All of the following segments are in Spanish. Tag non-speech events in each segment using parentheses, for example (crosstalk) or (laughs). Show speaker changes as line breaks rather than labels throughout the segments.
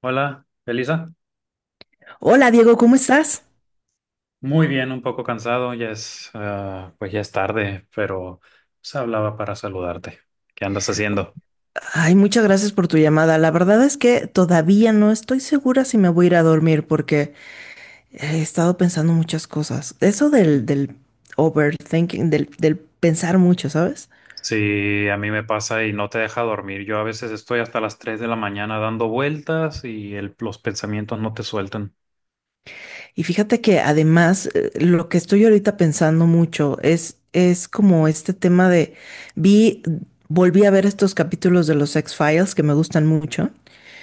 Hola, Elisa.
Hola Diego, ¿cómo estás?
Muy bien, un poco cansado, pues ya es tarde, pero se hablaba para saludarte. ¿Qué andas haciendo?
Ay, muchas gracias por tu llamada. La verdad es que todavía no estoy segura si me voy a ir a dormir porque he estado pensando muchas cosas. Eso del overthinking, del pensar mucho, ¿sabes?
Sí, a mí me pasa y no te deja dormir. Yo a veces estoy hasta las 3 de la mañana dando vueltas y los pensamientos no te sueltan.
Y fíjate que además lo que estoy ahorita pensando mucho es como este tema de, vi, volví a ver estos capítulos de los X-Files que me gustan mucho.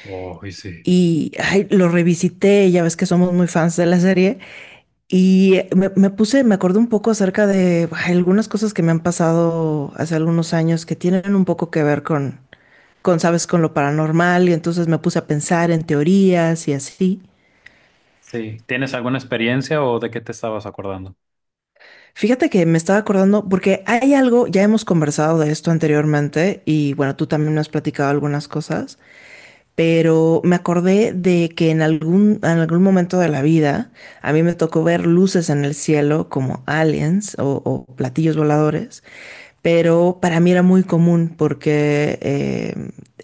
Oh, y sí.
Y ay, lo revisité, ya ves que somos muy fans de la serie, y me puse, me acordé un poco acerca de ay, algunas cosas que me han pasado hace algunos años que tienen un poco que ver con, sabes, con lo paranormal, y entonces me puse a pensar en teorías y así.
Sí, ¿tienes alguna experiencia o de qué te estabas acordando?
Fíjate que me estaba acordando, porque hay algo, ya hemos conversado de esto anteriormente, y bueno, tú también me has platicado algunas cosas. Pero me acordé de que en algún momento de la vida a mí me tocó ver luces en el cielo como aliens o platillos voladores, pero para mí era muy común porque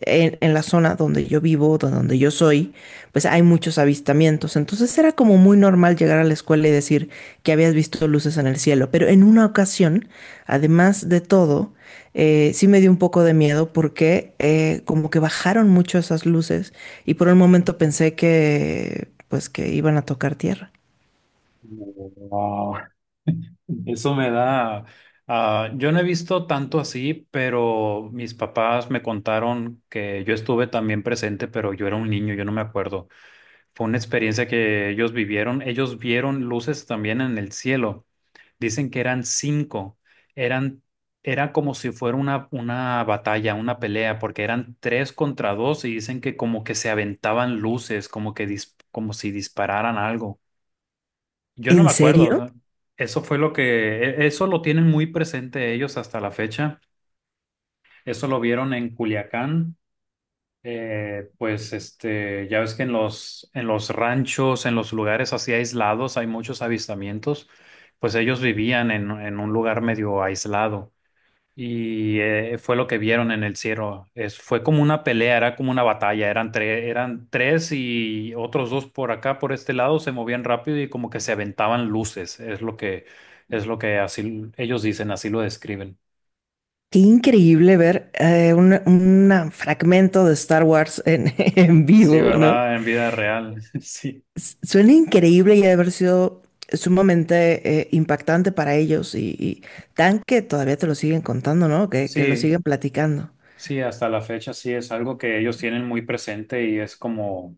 en la zona donde yo vivo, donde yo soy, pues hay muchos avistamientos. Entonces era como muy normal llegar a la escuela y decir que habías visto luces en el cielo. Pero en una ocasión, además de todo, sí me dio un poco de miedo porque como que bajaron mucho esas luces y por un momento pensé que pues que iban a tocar tierra.
Wow. Eso me da, ah, Yo no he visto tanto así, pero mis papás me contaron que yo estuve también presente, pero yo era un niño, yo no me acuerdo. Fue una experiencia que ellos vivieron. Ellos vieron luces también en el cielo. Dicen que eran cinco. Eran, Era como si fuera una batalla, una pelea, porque eran tres contra dos y dicen que como que se aventaban luces, como que como si dispararan algo. Yo no me
¿En
acuerdo, o
serio?
sea, eso fue lo que, e- eso lo tienen muy presente ellos hasta la fecha. Eso lo vieron en Culiacán. Pues este, ya ves que en los ranchos, en los lugares así aislados, hay muchos avistamientos. Pues ellos vivían en un lugar medio aislado. Y fue lo que vieron en el cielo. Fue como una pelea, era como una batalla. Eran tres y otros dos por acá, por este lado, se movían rápido y como que se aventaban luces. Es lo que así ellos dicen, así lo describen.
Qué increíble ver una- un una fragmento de Star Wars en, (laughs) en
Sí,
vivo, ¿no?
¿verdad? En vida real. (laughs) Sí,
Suena increíble y ha de haber sido sumamente impactante para ellos y tan que todavía te lo siguen contando, ¿no? Que lo
sí,
siguen platicando.
sí, hasta la fecha sí es algo que ellos tienen muy presente y es como,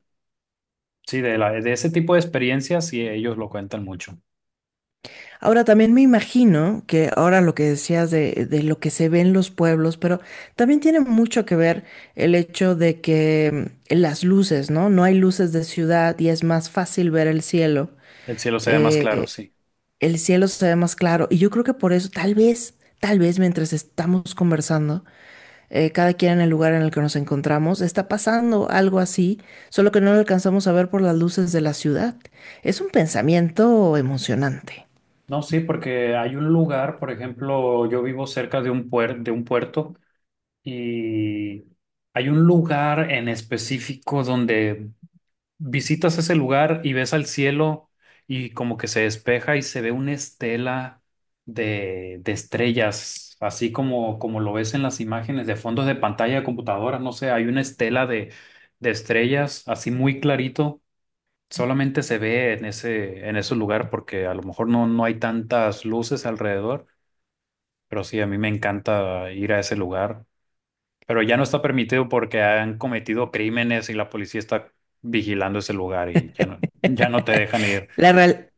sí, de ese tipo de experiencias sí ellos lo cuentan mucho.
Ahora también me imagino que ahora lo que decías de lo que se ve en los pueblos, pero también tiene mucho que ver el hecho de que las luces, ¿no? No hay luces de ciudad y es más fácil ver el cielo.
El cielo se ve más claro,
Eh,
sí.
el cielo se ve más claro. Y yo creo que por eso, tal vez mientras estamos conversando, cada quien en el lugar en el que nos encontramos, está pasando algo así, solo que no lo alcanzamos a ver por las luces de la ciudad. Es un pensamiento emocionante.
No, sí, porque hay un lugar, por ejemplo, yo vivo cerca de un puerto y hay un lugar en específico donde visitas ese lugar y ves al cielo y como que se despeja y se ve una estela de estrellas, así como lo ves en las imágenes de fondos de pantalla de computadora, no sé, hay una estela de estrellas así muy clarito, solamente se ve en ese lugar porque a lo mejor no, no hay tantas luces alrededor, pero sí, a mí me encanta ir a ese lugar. Pero ya no está permitido porque han cometido crímenes y la policía está vigilando ese lugar y ya no, ya no te dejan ir.
La real-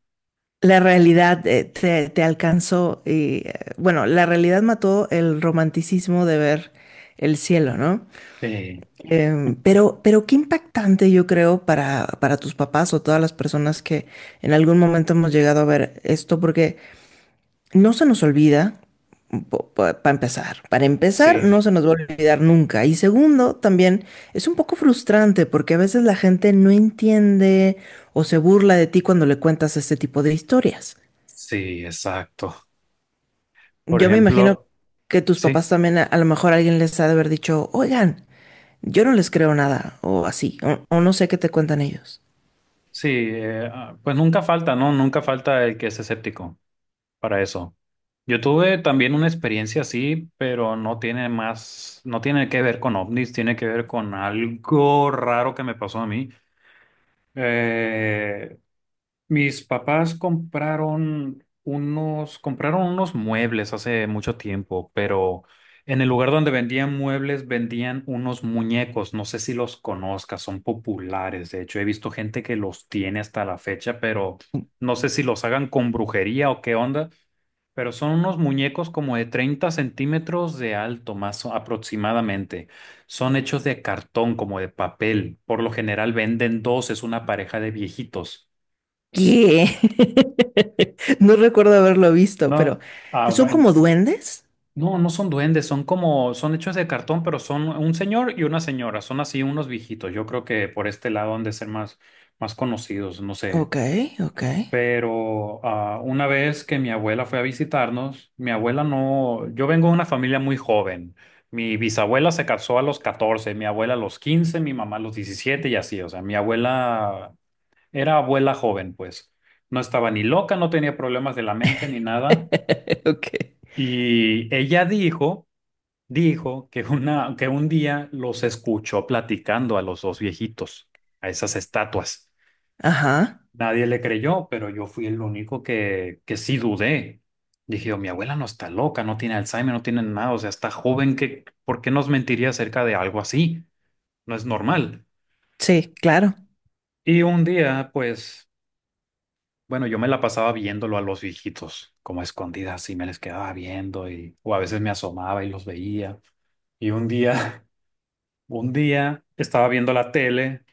la realidad te alcanzó y bueno, la realidad mató el romanticismo de ver el cielo, ¿no?
Sí,
Pero, pero qué impactante yo creo para tus papás o todas las personas que en algún momento hemos llegado a ver esto, porque no se nos olvida, para empezar,
sí,
no se nos va a olvidar nunca. Y segundo, también es un poco frustrante porque a veces la gente no entiende o se burla de ti cuando le cuentas este tipo de historias.
sí, exacto. Por
Yo me imagino
ejemplo,
que tus
sí,
papás también a lo mejor alguien les ha de haber dicho, oigan, yo no les creo nada o así, o no sé qué te cuentan ellos.
sí, pues nunca falta, ¿no? Nunca falta el que es escéptico. Para eso. Yo tuve también una experiencia así, pero no tiene más, no tiene que ver con ovnis, tiene que ver con algo raro que me pasó a mí. Eh, Mis papás compraron unos muebles hace mucho tiempo, pero en el lugar donde vendían muebles vendían unos muñecos. No sé si los conozcas, son populares. De hecho, he visto gente que los tiene hasta la fecha, pero no sé si los hagan con brujería o qué onda, pero son unos muñecos como de 30 centímetros de alto, aproximadamente. Son hechos de cartón, como de papel. Por lo general venden dos, es una pareja de viejitos.
¿Qué? (laughs) No recuerdo haberlo visto,
No,
pero son como
bueno.
duendes.
No, no son duendes, son como, son hechos de cartón, pero son un señor y una señora. Son así unos viejitos. Yo creo que por este lado han de ser más conocidos, no sé.
Ok, ok.
Pero una vez que mi abuela fue a visitarnos, mi abuela no, yo vengo de una familia muy joven. Mi bisabuela se casó a los 14, mi abuela a los 15, mi mamá a los 17 y así. O sea, mi abuela era abuela joven, pues. No estaba ni loca, no tenía problemas de la mente ni nada.
(laughs) Ok.
Y ella dijo que que un día los escuchó platicando a los dos viejitos, a esas estatuas.
Ajá.
Nadie le creyó, pero yo fui el único que sí dudé. Dije, yo, mi abuela no está loca, no tiene Alzheimer, no tiene nada, o sea, está joven, que, ¿por qué nos mentiría acerca de algo así? No es normal.
Sí, claro.
Y un día, pues, bueno, yo me la pasaba viéndolo a los viejitos, como escondidas, y me les quedaba viendo, y, o a veces me asomaba y los veía. Y un día, (laughs) un día estaba viendo la tele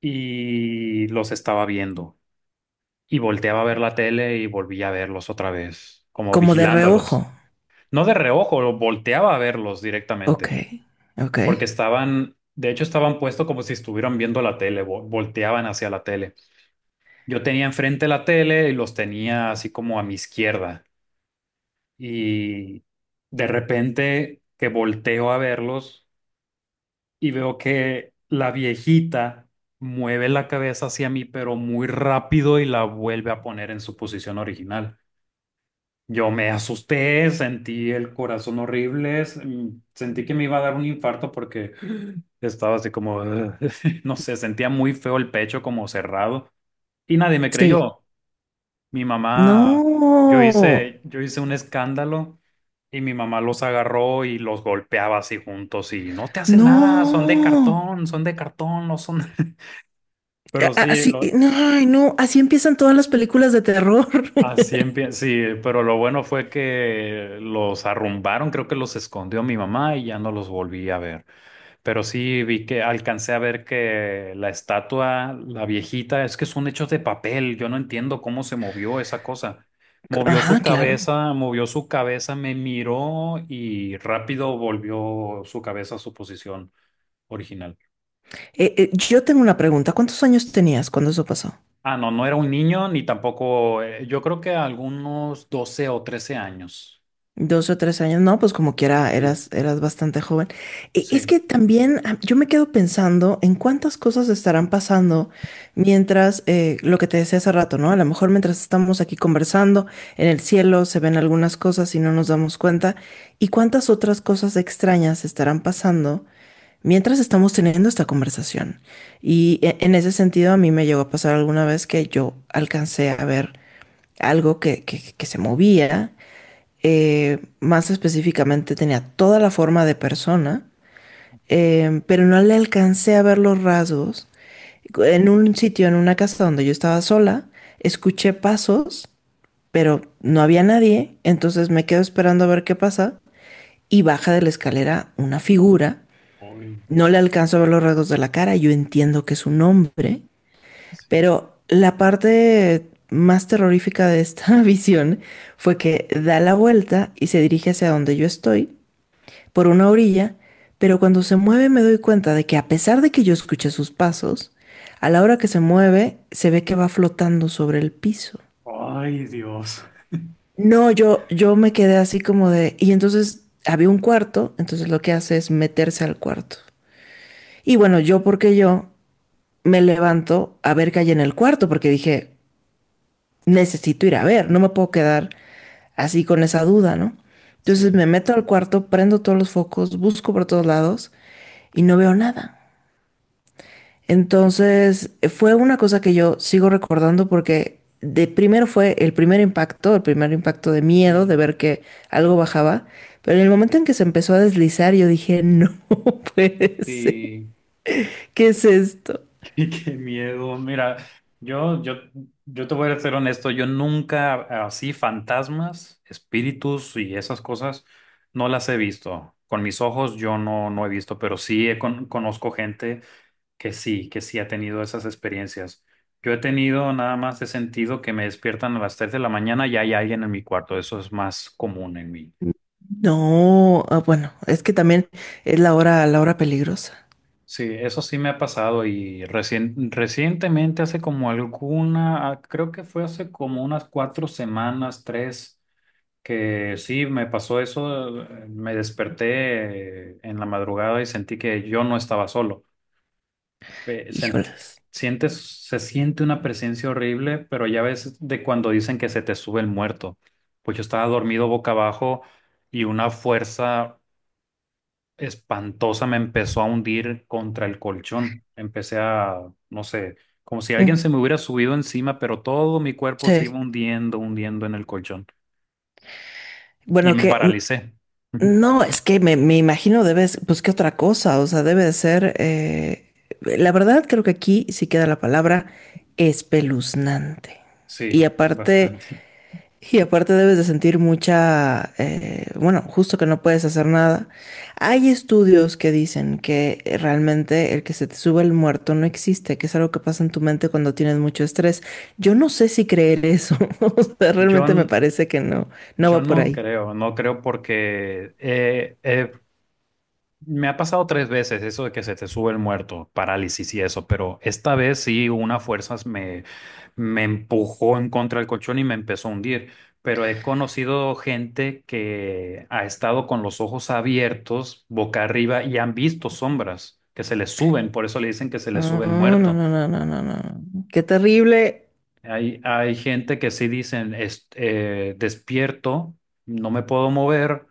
y los estaba viendo, y volteaba a ver la tele y volvía a verlos otra vez, como
Como de reojo.
vigilándolos. No de reojo, lo volteaba a verlos
Ok,
directamente,
ok.
porque estaban, de hecho estaban puestos como si estuvieran viendo la tele, volteaban hacia la tele. Yo tenía enfrente la tele y los tenía así como a mi izquierda. Y de repente que volteo a verlos y veo que la viejita mueve la cabeza hacia mí, pero muy rápido y la vuelve a poner en su posición original. Yo me asusté, sentí el corazón horrible, sentí que me iba a dar un infarto porque (laughs) estaba así como, "Ugh". (laughs) No sé, sentía muy feo el pecho como cerrado y nadie me
Sí.
creyó. Mi mamá, yo
No,
hice, yo hice un escándalo y mi mamá los agarró y los golpeaba así juntos y no te hacen nada,
no.
son de cartón, no son. (laughs) Pero sí,
Así,
lo...
no, ay, no, así empiezan todas las películas de terror. (laughs)
Así empieza, sí, pero lo bueno fue que los arrumbaron, creo que los escondió mi mamá y ya no los volví a ver. Pero sí vi que alcancé a ver que la estatua, la viejita, es que son hechos de papel, yo no entiendo cómo se movió esa cosa.
Ajá, claro.
Movió su cabeza, me miró y rápido volvió su cabeza a su posición original.
Yo tengo una pregunta. ¿Cuántos años tenías cuando eso pasó?
Ah, no, no era un niño ni tampoco, yo creo que algunos 12 o 13 años.
Dos o tres años, no, pues como quiera,
Sí.
eras bastante joven. Es
Sí.
que también ah, yo me quedo pensando en cuántas cosas estarán pasando mientras, lo que te decía hace rato, ¿no? A lo mejor mientras estamos aquí conversando, en el cielo se ven algunas cosas y no nos damos cuenta, y cuántas otras cosas extrañas estarán pasando mientras estamos teniendo esta conversación. Y en ese sentido, a mí me llegó a pasar alguna vez que yo alcancé a ver algo que se movía, más específicamente tenía toda la forma de persona, pero no le alcancé a ver los rasgos. En un sitio, en una casa donde yo estaba sola, escuché pasos, pero no había nadie, entonces me quedo esperando a ver qué pasa y baja de la escalera una figura.
Uy,
No le alcanzo a ver los rasgos de la cara, yo entiendo que es un hombre,
sí.
pero la parte más terrorífica de esta (laughs) visión fue que da la vuelta y se dirige hacia donde yo estoy, por una orilla, pero cuando se mueve me doy cuenta de que a pesar de que yo escuché sus pasos, a la hora que se mueve se ve que va flotando sobre el piso.
Ay, Dios.
No, yo me quedé así como de... Y entonces había un cuarto, entonces lo que hace es meterse al cuarto. Y bueno, yo me levanto a ver qué hay en el cuarto, porque dije, necesito ir a ver, no me puedo quedar así con esa duda, ¿no? Entonces
Sí,
me meto al cuarto, prendo todos los focos, busco por todos lados y no veo nada. Entonces fue una cosa que yo sigo recordando porque de primero fue el primer impacto de miedo
sí,
de ver que algo bajaba, pero en el momento en que se empezó a deslizar yo dije, no (laughs) puede ser,
sí.
¿qué es esto?
(laughs) Qué, qué miedo. Mira, yo, yo, yo te voy a ser honesto. Yo nunca así fantasmas, espíritus y esas cosas no las he visto. Con mis ojos yo no, no he visto, pero sí conozco gente que sí ha tenido esas experiencias. Yo he tenido nada más he sentido que me despiertan a las 3 de la mañana y hay alguien en mi cuarto. Eso es más común en mí.
No, ah, bueno, es que también es la hora peligrosa.
Sí, eso sí me ha pasado y recientemente, hace como creo que fue hace como unas 4 semanas, tres, que sí me pasó eso, me desperté en la madrugada y sentí que yo no estaba solo. Eh, sentí-
Híjoles.
sientes, Se siente una presencia horrible, pero ya ves de cuando dicen que se te sube el muerto. Pues yo estaba dormido boca abajo y una fuerza espantosa me empezó a hundir contra el colchón. Empecé a, no sé, como si alguien
Mm,
se me hubiera subido encima, pero todo mi cuerpo se iba
sí.
hundiendo, hundiendo en el colchón. Y
Bueno,
me paralicé. Ujú.
no, es que me imagino debes, pues qué otra cosa, o sea, debe de ser, la verdad creo que aquí sí queda la palabra espeluznante. Y
Sí,
aparte,
bastante.
y aparte debes de sentir mucha, bueno, justo que no puedes hacer nada. Hay estudios que dicen que realmente el que se te sube el muerto no existe, que es algo que pasa en tu mente cuando tienes mucho estrés. Yo no sé si creer eso, (laughs) o sea,
Yo,
realmente me
n-
parece que no, no
yo
va por
no
ahí.
creo, no creo porque he... Me ha pasado tres veces eso de que se te sube el muerto, parálisis y eso, pero esta vez sí una fuerza me empujó en contra del colchón y me empezó a hundir. Pero he conocido gente que ha estado con los ojos abiertos, boca arriba, y han visto sombras que se les suben, por eso le dicen que se
Ah,
les sube el
no, no,
muerto.
no, no, no, no. Qué terrible.
Hay gente que sí dicen, Despierto, no me puedo mover,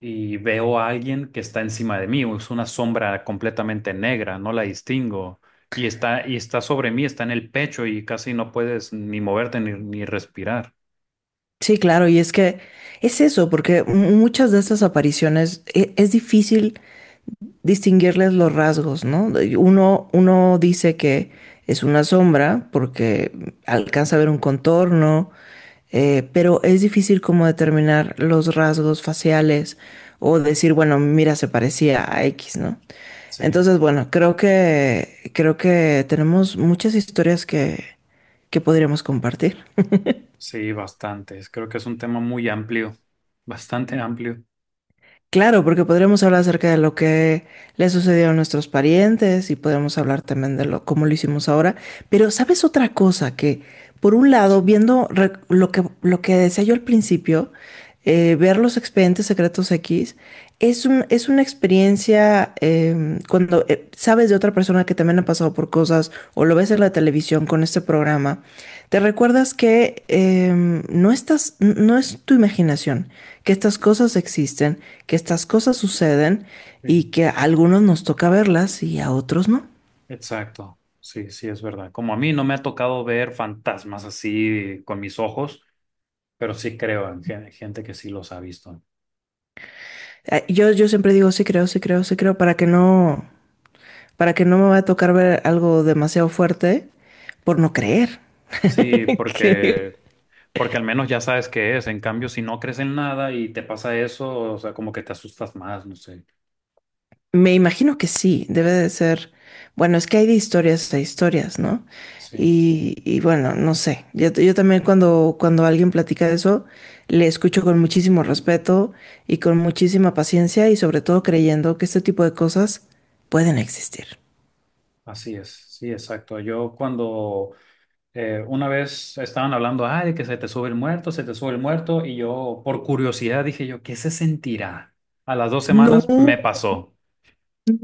y veo a alguien que está encima de mí, es una sombra completamente negra, no la distingo, y está sobre mí, está en el pecho y casi no puedes ni moverte ni respirar."
Sí, claro, y es que es eso, porque muchas de estas apariciones es difícil distinguirles los rasgos, ¿no? Uno dice que es una sombra porque alcanza a ver un contorno, pero es difícil como determinar los rasgos faciales o decir, bueno, mira, se parecía a X, ¿no?
Sí,
Entonces, bueno, creo que tenemos muchas historias que podríamos compartir.
sí, bastantes. Creo que es un tema muy amplio, bastante amplio.
Claro, porque podríamos hablar acerca de lo que le sucedió a nuestros parientes y podríamos hablar también de lo cómo lo hicimos ahora. Pero, ¿sabes otra cosa? Que, por un lado,
Sí,
lo que decía yo al principio, ver los expedientes secretos X, es una experiencia cuando sabes de otra persona que también ha pasado por cosas o lo ves en la televisión con este programa, te recuerdas que no es tu imaginación, que estas cosas existen, que estas cosas suceden
sí,
y que a algunos nos toca verlas y a otros no.
exacto. Sí, sí, es verdad. Como a mí no me ha tocado ver fantasmas así con mis ojos, pero sí creo en gente que sí los ha visto.
Yo siempre digo sí creo, sí creo, sí creo para que no me vaya a tocar ver algo demasiado fuerte por no creer.
Sí,
(laughs) Que
porque al menos ya sabes qué es. En cambio, si no crees en nada y te pasa eso, o sea, como que te asustas más, no sé.
me imagino que sí, debe de ser. Bueno, es que hay de historias a historias, ¿no?
Sí,
Y bueno, no sé. Yo también cuando, cuando alguien platica de eso, le escucho con muchísimo respeto y con muchísima paciencia y sobre todo creyendo que este tipo de cosas pueden existir.
así es. Sí, exacto. Yo cuando una vez estaban hablando, ay, de que se te sube el muerto, se te sube el muerto, y yo por curiosidad dije yo, ¿qué se sentirá? A las dos
No,
semanas
no.
me pasó.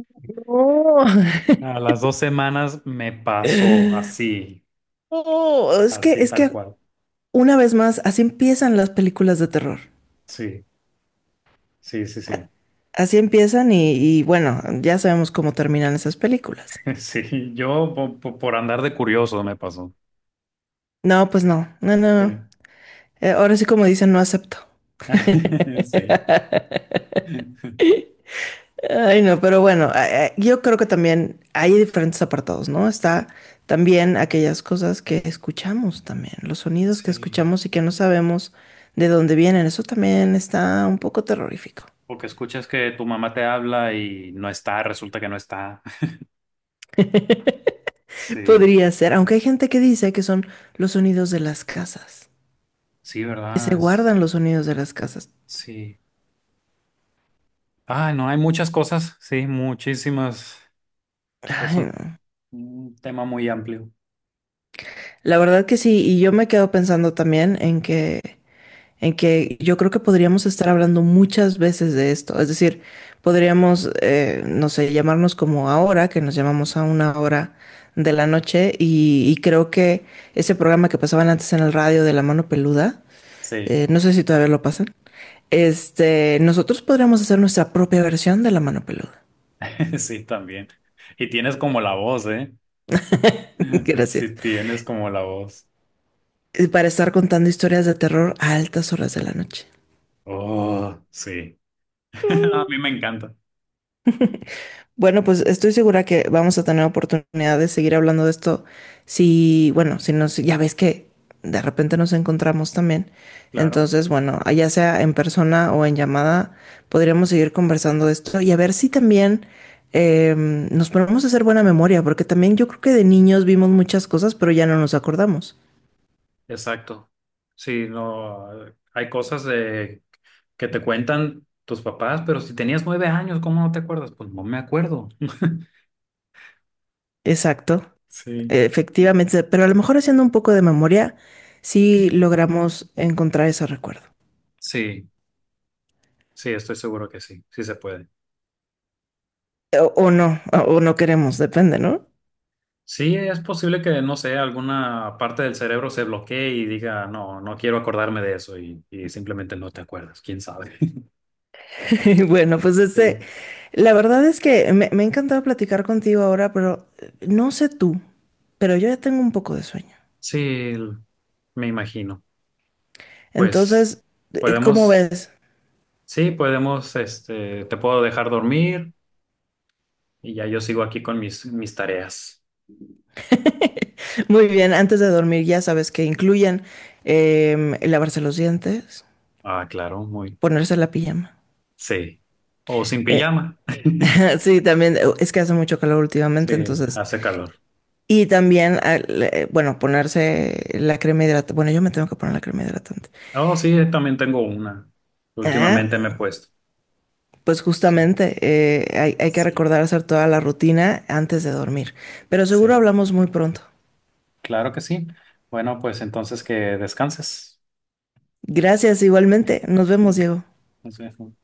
(laughs)
A las 2 semanas me pasó así,
No,
así
es
tal
que
cual.
una vez más, así empiezan las películas de terror.
Sí, sí, sí, sí.
Así empiezan y bueno, ya sabemos cómo terminan esas películas.
(laughs) Sí, yo por andar de curioso me pasó.
No, pues no, no, no, no.
Sí.
Ahora sí, como dicen, no acepto.
(laughs) Sí. (laughs)
Ay, no, pero bueno, yo creo que también hay diferentes apartados, ¿no? Está también aquellas cosas que escuchamos también, los sonidos que
Sí.
escuchamos y que no sabemos de dónde vienen. Eso también está un poco terrorífico.
O que escuches que tu mamá te habla y no está, resulta que no está. (laughs) Sí.
Podría ser, aunque hay gente que dice que son los sonidos de las casas,
Sí,
que
¿verdad?
se
Es...
guardan los sonidos de las casas.
Sí. Ah, no, hay muchas cosas. Sí, muchísimas. Es
Ay,
un,
no.
un tema muy amplio.
La verdad que sí, y yo me quedo pensando también en que yo creo que podríamos estar hablando muchas veces de esto. Es decir, podríamos, no sé, llamarnos como ahora, que nos llamamos a una hora de la noche y creo que ese programa que pasaban antes en el radio de La Mano Peluda,
Sí,
no sé si todavía lo pasan, este, nosotros podríamos hacer nuestra propia versión de La Mano Peluda.
(laughs) sí, también. Y tienes como la voz, ¿eh?
(laughs)
(laughs)
Gracias.
Sí, tienes como la voz.
Para estar contando historias de terror a altas horas de la noche.
Oh, sí. (laughs) A mí me encanta.
Bueno, pues estoy segura que vamos a tener oportunidad de seguir hablando de esto. Si, bueno, si nos, ya ves que de repente nos encontramos también.
Claro,
Entonces, bueno, ya sea en persona o en llamada, podríamos seguir conversando de esto y a ver si también nos ponemos a hacer buena memoria, porque también yo creo que de niños vimos muchas cosas, pero ya no nos acordamos.
exacto. Sí, no, hay cosas de que te cuentan tus papás, pero si tenías 9 años, ¿cómo no te acuerdas? Pues no me acuerdo. (laughs)
Exacto,
Sí.
efectivamente. Pero a lo mejor haciendo un poco de memoria, sí logramos encontrar ese recuerdo.
Sí, sí, estoy seguro que sí, sí se puede.
O no, o no queremos, depende, ¿no?
Sí, es posible que, no sé, alguna parte del cerebro se bloquee y diga, no, no quiero acordarme de eso y simplemente no te acuerdas, quién sabe. (laughs)
(laughs) Bueno, pues este,
Sí.
la verdad es que me ha encantado platicar contigo ahora, pero no sé tú, pero yo ya tengo un poco de sueño.
Sí, el- me imagino. Pues
Entonces, ¿cómo
podemos,
ves?
sí, podemos, te puedo dejar dormir y ya yo sigo aquí con mis tareas.
(laughs) Muy bien, antes de dormir ya sabes que incluyen lavarse los dientes,
Ah, claro, muy,
ponerse la pijama.
sí. O sin
Eh,
pijama. (laughs)
(laughs) sí, también, es que hace mucho calor últimamente,
Sí,
entonces.
hace calor.
Y también, bueno, ponerse la crema hidratante. Bueno, yo me tengo que poner la crema hidratante.
Oh, sí, también tengo una.
Ah,
Últimamente me he puesto.
pues
Sí,
justamente, hay que
sí,
recordar hacer toda la rutina antes de dormir. Pero seguro
sí.
hablamos muy pronto.
Claro que sí. Bueno, pues entonces que descanses.
Gracias igualmente. Nos vemos,
Sí,
Diego.
nos vemos.